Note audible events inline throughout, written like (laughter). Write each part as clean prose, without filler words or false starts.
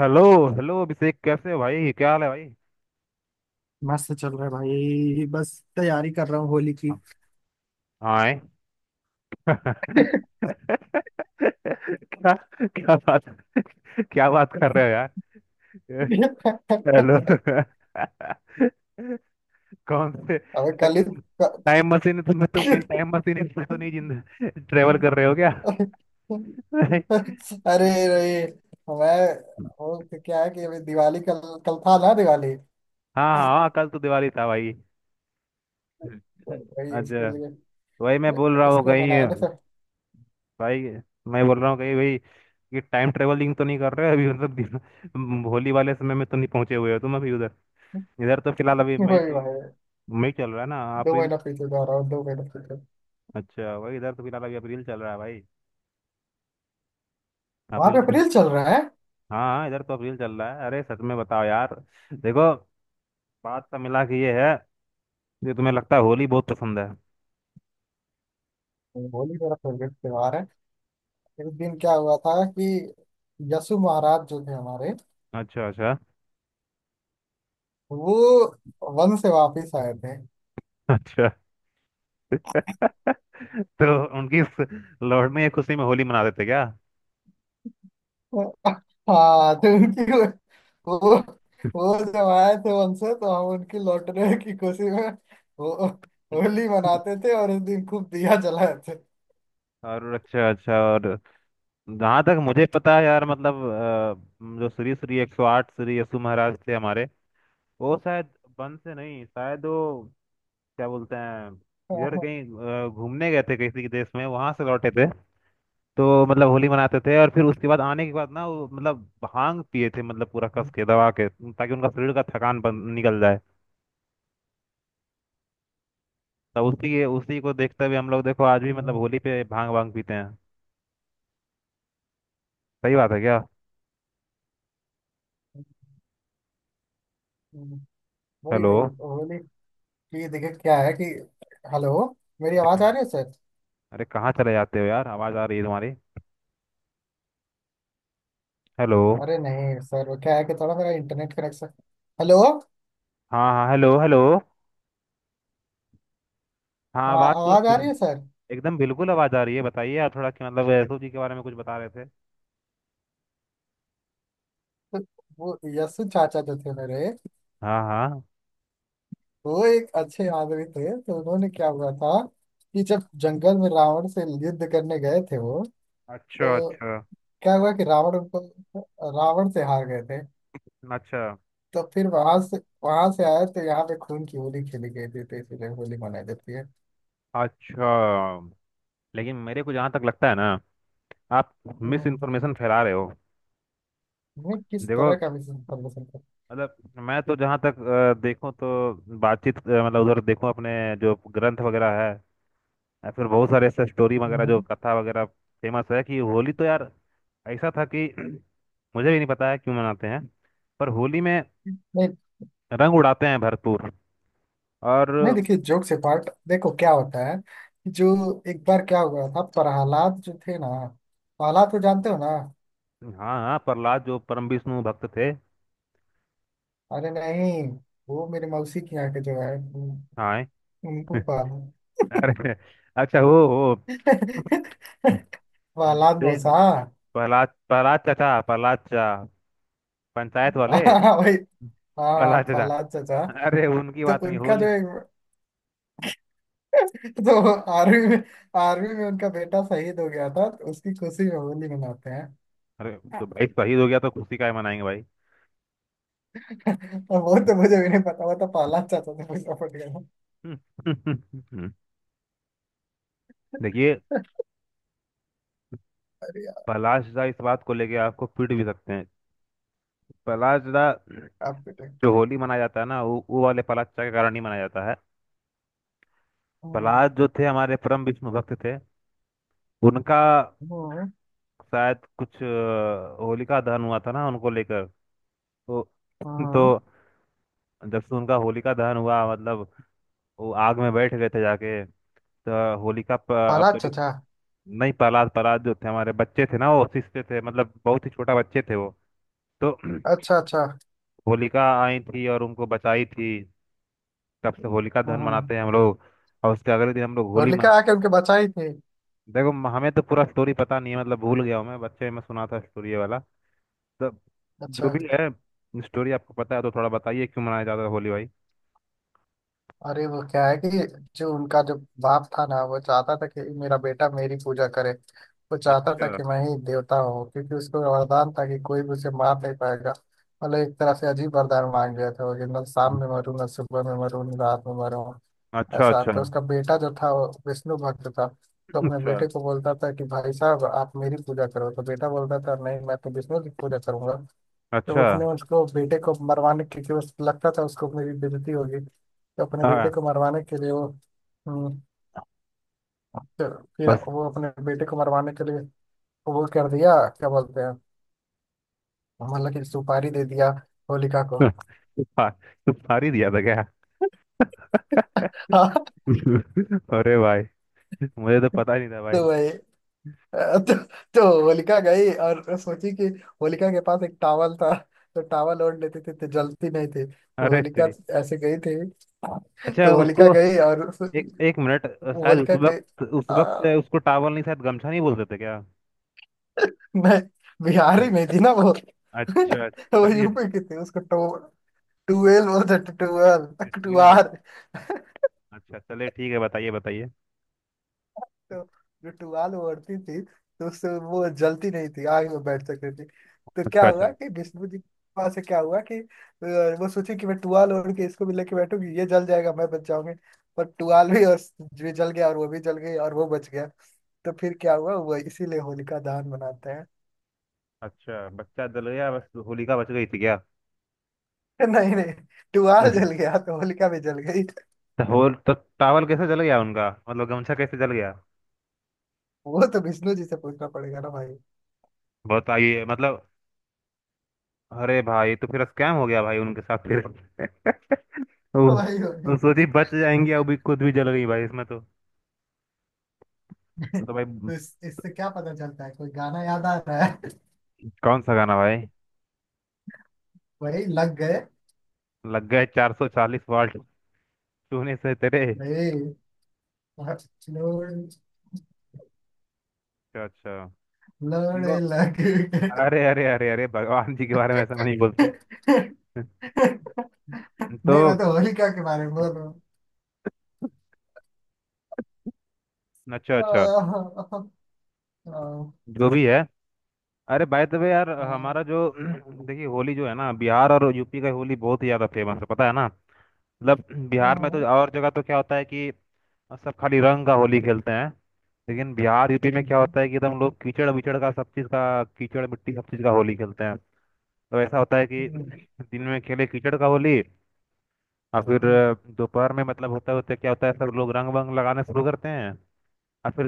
Hello. Hello Abhishek, कैसे हो भाई? क्या हाल है भाई? मस्त चल रहा है भाई। बस तैयारी कर रहा हूँ होली की। हाँ। हाँ, है। (laughs) क्या? क्या बात क्या बात कर रहे हो यार? हेलो। (laughs) कौन से अबे भाई कल ही तुम? तो। टाइम मशीन, तुम कहीं टाइम मशीन में तो नहीं, जिंदा ट्रेवल कर रहे हो क्या? (laughs) हाँ। अरे रे। मैं वो तो क्या है कि अभी दिवाली कल। कल था ना दिवाली? हाँ, तो हाँ, कल तो दिवाली था भाई। वही उसके अच्छा, लिए। वही मैं बोल रहा हूँ उसको कहीं मनाने से। भाई, मैं बोल रहा हूँ कहीं भाई, ये टाइम ट्रेवलिंग तो नहीं कर रहे हो अभी? मतलब होली वाले समय में तो नहीं पहुंचे हुए हो तुम अभी? इधर तो फिलहाल अभी वही भाई। मई चल रहा है ना? दो अप्रैल। महीना पीछे जा रहा हूँ, दो महीना पीछे। अच्छा, वही इधर तो फिलहाल अभी अप्रैल चल रहा है भाई। वहां अप्रैल पे का- अप्रैल चल रहा है। हाँ, हाँ, इधर तो अप्रैल चल रहा है। अरे सच में बताओ यार। देखो, बात का मिला कि ये है, ये तुम्हें लगता है होली बहुत पसंद है? होली मेरा फेवरेट त्योहार है। एक दिन क्या हुआ था कि यसु महाराज जो थे हमारे, अच्छा, अच्छा, वो वन से वापस आए थे। अच्छा। (laughs) तो उनकी इस लौटने की खुशी में होली मना देते क्या? (laughs) हाँ, तो उनकी, वो वो जब आए थे वन से तो हम उनकी लौटने की खुशी में, वो, होली मनाते थे और उस दिन खूब दिया जलाए थे। और अच्छा, अच्छा। और जहाँ तक मुझे पता है यार, मतलब जो श्री श्री 108 श्री यशु महाराज थे हमारे, वो शायद बन से नहीं, शायद वो, क्या बोलते हैं, इधर हाँ। कहीं घूमने गए थे किसी के देश में, वहां से लौटे थे। तो मतलब होली मनाते थे और फिर उसके बाद आने के बाद ना वो मतलब भांग पिए थे, मतलब पूरा कस हम्म। के दबा के, ताकि उनका शरीर का थकान निकल जाए। तो उसी के उसी को देखते हुए हम लोग, देखो आज भी मतलब होली पे भांग वांग पीते हैं। सही बात है क्या? हम्म। वही हेलो। वही होली की दिक्कत क्या है कि। हेलो। मेरी अरे आवाज आ कहाँ? रही है सर? अरे कहाँ चले जाते हो यार? आवाज आ रही है तुम्हारी। हेलो। अरे नहीं सर, वो क्या है कि थोड़ा मेरा इंटरनेट कनेक्शन। हेलो। हाँ, हाँ, हेलो, हेलो। हाँ, हाँ, आवाज तो आवाज आ रही है सर। एकदम बिल्कुल आवाज आ रही है। बताइए आप थोड़ा कि मतलब सोची के बारे में कुछ बता रहे थे। तो वो यस्सु चाचा जो थे मेरे, हाँ, हाँ। वो एक अच्छे आदमी थे। तो उन्होंने क्या हुआ था कि जब जंगल में रावण से युद्ध करने गए थे वो। अच्छा, तो अच्छा। क्या हुआ कि रावण उनको, रावण से हार गए थे। अच्छा, तो फिर वहां से आए तो यहाँ पे खून की होली खेली गई थी तो इसीलिए होली मनाई जाती है। अच्छा। लेकिन मेरे को जहाँ तक लगता है ना, आप मिस हम्म। इन्फॉर्मेशन फैला रहे हो। मैं किस देखो, तरह का मिस इन्फॉर्मेशन था? मतलब मैं तो जहाँ तक देखूं तो, बातचीत, मतलब उधर देखूं अपने, जो ग्रंथ वगैरह है या फिर बहुत सारे ऐसे स्टोरी वगैरह, जो हम्म। कथा वगैरह फेमस है कि होली तो यार ऐसा था कि (clears throat) मुझे भी नहीं पता है क्यों मनाते हैं। पर होली में नहीं रंग उड़ाते हैं भरपूर। और नहीं देखिए, जोक से पार्ट देखो क्या होता है कि जो एक बार क्या हुआ था प्रहलाद जो थे ना, प्रहलाद को जानते हो ना? हाँ, हाँ, प्रहलाद जो परम विष्णु भक्त थे। अरे नहीं, वो मेरे मौसी की यहाँ के जो है हाँ। (laughs) उनको पाल अरे, अच्छा। वो, वो प्रहलाद (laughs) देख, मौसा। प्रहलाद प्रहलाद चाचा, प्रहलाद चाचा पंचायत वाले। हाँ वही। हाँ प्रहलाद प्रहलाद चाचा? चाचा। अरे, उनकी तो बात नहीं, उनका जो होली। एक। तो आर्मी में उनका बेटा शहीद हो गया था तो उसकी खुशी में होली मनाते हैं। अरे, तो (laughs) भाई शहीद हो गया तो खुशी काहे मनाएंगे भाई? और वो तो मुझे भी नहीं पता। वो तो प्रहलाद चाचा से पूछना पड़ेगा। (laughs) देखिए, अरे यार। प्रहलाद चाचा इस बात को लेके आपको पीट भी सकते हैं। प्रहलाद चाचा, आप बेटे। जो होली मनाया जाता है ना, वो वाले प्रहलाद चाचा के कारण ही मनाया जाता है। हम्म। प्रहलाद जो थे हमारे, परम विष्णु भक्त थे। उनका हम्म, शायद कुछ होलिका दहन हुआ था ना उनको लेकर। तो हाँ तो जब से उनका होलिका दहन हुआ मतलब, वो आग में बैठ गए थे जाके। तो अब प्रहलाद तभी, चाचा। नहीं, प्रहलाद प्रहलाद जो थे हमारे बच्चे थे ना, वो शिशते थे, मतलब बहुत ही छोटा बच्चे थे वो। तो (clears throat) अच्छा अच्छा। होलिका आई थी और उनको बचाई थी। तब से होलिका हाँ दहन हाँ। मनाते हैं हम लोग और उसके अगले दिन हम लोग होली होलिका मनाते आके उनके बचाई थी। हैं। देखो, हमें तो पूरा स्टोरी पता नहीं है, मतलब भूल गया हूँ। मैं बच्चे में सुना था स्टोरी ये वाला। तो अच्छा। जो भी है, स्टोरी आपको पता है तो थोड़ा बताइए क्यों मनाया जाता है होली भाई। अरे वो क्या है कि जो उनका जो बाप था ना, वो चाहता था कि मेरा बेटा मेरी पूजा करे। वो चाहता था अच्छा, कि मैं ही देवता हूँ, क्योंकि उसको वरदान था कि कोई भी उसे मार नहीं पाएगा। मतलब एक तरह से अजीब वरदान मांग लिया था वो कि न शाम में मरूं, न सुबह में मरूं, न रात में मरूं अच्छा, ऐसा। अच्छा, तो उसका बेटा जो था वो विष्णु भक्त था। तो अपने अच्छा, बेटे को बोलता था कि भाई साहब आप मेरी पूजा करो, तो बेटा बोलता था नहीं, मैं तो विष्णु की पूजा करूंगा। तो अच्छा। उसने उसको बेटे को मरवाने के लिए, उस लगता था उसको मेरी बेइज्जती होगी तो अपने बेटे हाँ। को मरवाने के लिए वो। हम्म। तो फिर बस। वो अपने बेटे को मरवाने के लिए वो कर दिया, क्या बोलते हैं, मतलब कि सुपारी दे दिया होलिका को। (laughs) हाँ, तू फारी दिया था क्या? (laughs) (laughs) हाँ। अरे भाई, मुझे तो पता ही नहीं था भाई। तो भाई, अ, तो, तो होलिका गई और सोची कि होलिका के पास एक टावल था, तो टावल ओढ़ लेती थी तो जलती नहीं थी। तो अरे होलिका तेरी। ऐसे गई थी। अच्छा, तो होलिका उसको गई और एक एक मिनट, शायद होलिका गई। उस वक्त उसको टावल नहीं शायद गमछा नहीं बोलते थे क्या? मैं बिहारी नहीं थी ना वो अच्छा, (laughs) अच्छा, वो चलिए। यूपी की थी, उसको टू, टूएल बोलते थे, टूएल, ठीक है बोल। टुआर। अच्छा, चलिए ठीक है, बताइए, बताइए। तो जो टुआल वो ओढ़ती थी तो उससे वो जलती नहीं थी, आग में बैठ सकती थी। तो अच्छा, क्या अच्छा। हुआ कि विष्णु जी के पास से क्या हुआ कि वो सोची कि मैं टुआल ओढ़ के इसको भी लेके बैठूंगी, ये जल जाएगा, मैं बच जाऊंगी। पर टुआल भी और भी जल गया और वो भी जल गई और वो बच गया। तो फिर क्या हुआ वो, इसीलिए होलिका दहन मनाते हैं। अच्छा बच्चा जल गया, बस होलिका बच गई थी क्या? (laughs) नहीं नहीं, तो टुआल जल गया तो होलिका भी जल गई। होल तो टावल कैसे जल गया उनका, मतलब गमछा कैसे जल गया? वो तो विष्णु जी से पूछना पड़ेगा ना भाई। बताइए मतलब। अरे भाई, तो फिर स्कैम हो गया भाई उनके साथ फिर। (laughs) वो, तो भाई भाई। सोची बच जाएंगे, अभी खुद भी जल गई भाई इसमें तो। तो भाई, तो इससे क्या पता चलता है, कोई गाना याद आ रहा है। कौन सा गाना भाई? वही लग गए लग गए 440 वाट, छूने से तेरे। भाई, अच्छा, अच्छा। लड़ देखो, लग गए। अरे अरे अरे अरे, भगवान जी के बारे में ऐसा नहीं बोलते। (laughs) नहीं, मैं तो तो होलिका के बारे में बोल रहा हूँ। अच्छा, अच्छा, जो भी है। अरे बाय द वे यार, हमारा जो (clears throat) देखिए होली जो है ना, बिहार और यूपी का होली बहुत ही ज्यादा फेमस है पता है ना? मतलब बिहार में तो और जगह तो क्या होता है कि और सब खाली रंग का होली खेलते हैं, लेकिन बिहार यूपी में क्या होता है कि एकदम लोग कीचड़ विचड़ का, सब चीज़ का, कीचड़ मिट्टी सब चीज़ का होली खेलते हैं। तो ऐसा होता है कि दिन में खेले कीचड़ का होली, और फिर दोपहर में मतलब, होता होता क्या होता है, सब लोग रंग वंग लगाने शुरू करते हैं। और फिर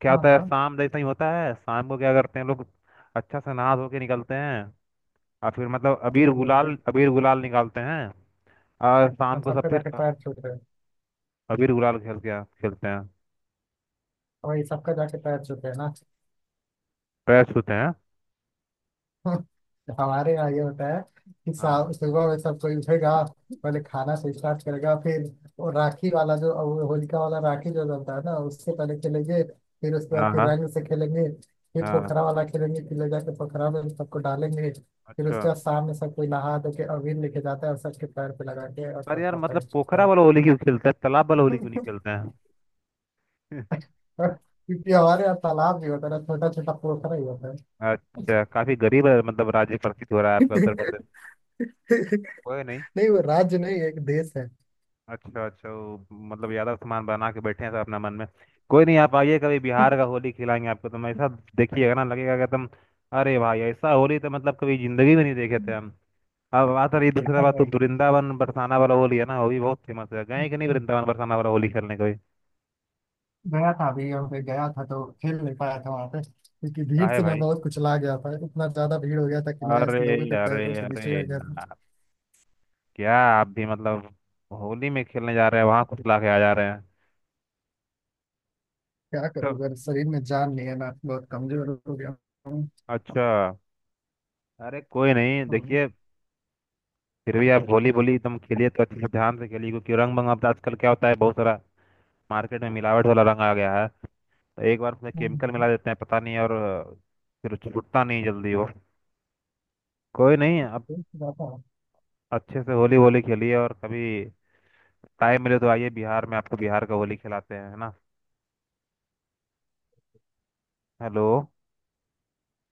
क्या हाँ होता है, हाँ। शाम जैसा ही होता है, शाम को क्या करते हैं लोग, अच्छा से नहा धो के निकलते हैं, और फिर मतलब अबीर अभी गुलाल, रिलेटेड अबीर गुलाल निकालते हैं, और शाम को सब सबका फिर जाके पैर छूट रहे हैं। अबीर गुलाल खेल के खेलते हैं, वही सबका जाके पैर छूट रहे हैं ना। पैर छूते हैं। (laughs) हमारे यहाँ ये होता है कि हाँ, सुबह में सब कोई उठेगा, पहले खाना से स्टार्ट करेगा, फिर वो राखी वाला जो वो होलिका वाला राखी जो जलता है ना उससे पहले खेलेंगे, फिर उसके हाँ, बाद फिर हाँ, रंग से खेलेंगे, फिर हाँ। पोखरा वाला खेलेंगे, फिर ले जाके पोखरा में सबको डालेंगे, फिर अच्छा उसके बाद शाम में सब कोई नहा धो के अबीर लेके जाता है और सबके पैर पे लगा के और पर यार, सबका मतलब पैर छूता पोखरा है। वाला होली क्यों खेलते हैं, तालाब वाला होली क्यों नहीं खेलते (laughs) हैं? (laughs) क्योंकि हमारे यहाँ तालाब भी होता है, छोटा छोटा पोखरा ही होता है। अच्छा, काफी गरीब है मतलब, राज्य प्रतीत हो रहा है आपका उत्तर प्रदेश। (laughs) कोई नहीं। नहीं, वो राज्य नहीं एक देश अच्छा, अच्छा, वो मतलब यादव सामान बना के बैठे हैं सब अपना मन में। कोई नहीं, आप आइए कभी, बिहार का होली खिलाएंगे आपको, तो ऐसा देखिएगा ना, लगेगा कि एकदम, अरे भाई ऐसा होली तो मतलब कभी जिंदगी में नहीं देखे थे हम। अब बात रही दूसरा बात, तो है। वृंदावन बरसाना वाला होली है ना, वो भी बहुत फेमस है। गए कि नहीं वृंदावन बरसाना वाला होली खेलने कभी? गया था अभी और फिर गया था तो खेल नहीं पाया था वहां पे, क्योंकि भीड़ काहे से मैं भाई? बहुत कुचला गया था, इतना ज्यादा भीड़ हो गया था कि मैं अरे, इस लोगों के अरे, पैरों के अरे। नीचे आ गया था। क्या आप भी मतलब होली में खेलने जा रहे हैं वहां, कुछ ला के आ जा रहे हैं? क्या तो- करूँगा, शरीर में जान नहीं है ना, बहुत कमजोर हो गया हूँ। अच्छा, अरे कोई नहीं हाँ। देखिए, फिर भी आप होली बोली एकदम खेलिए तो अच्छे से ध्यान से खेलिए, क्योंकि रंग मंग अब आजकल क्या होता है, बहुत सारा मार्केट में मिलावट वाला रंग आ गया है। तो एक बार उसमें हाँ। केमिकल मिला देते हैं पता नहीं, और फिर छूटता नहीं जल्दी वो। कोई नहीं, आप अच्छे से होली वोली खेलिए, और कभी टाइम मिले तो आइए बिहार में, आपको बिहार का होली खिलाते हैं, है ना? हेलो।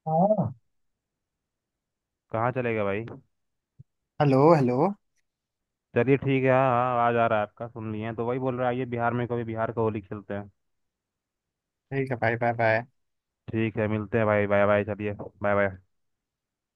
हाँ। कहाँ चलेगा भाई? Hello hello. चलिए ठीक है, हाँ, हाँ, आवाज आ रहा है आपका, सुन लिए हैं, तो वही बोल रहा है, आइए बिहार में कभी, बिहार का होली खेलते हैं। ठीक है भाई, बाय बाय। ठीक है मिलते हैं भाई, बाय बाय, चलिए। Bye bye.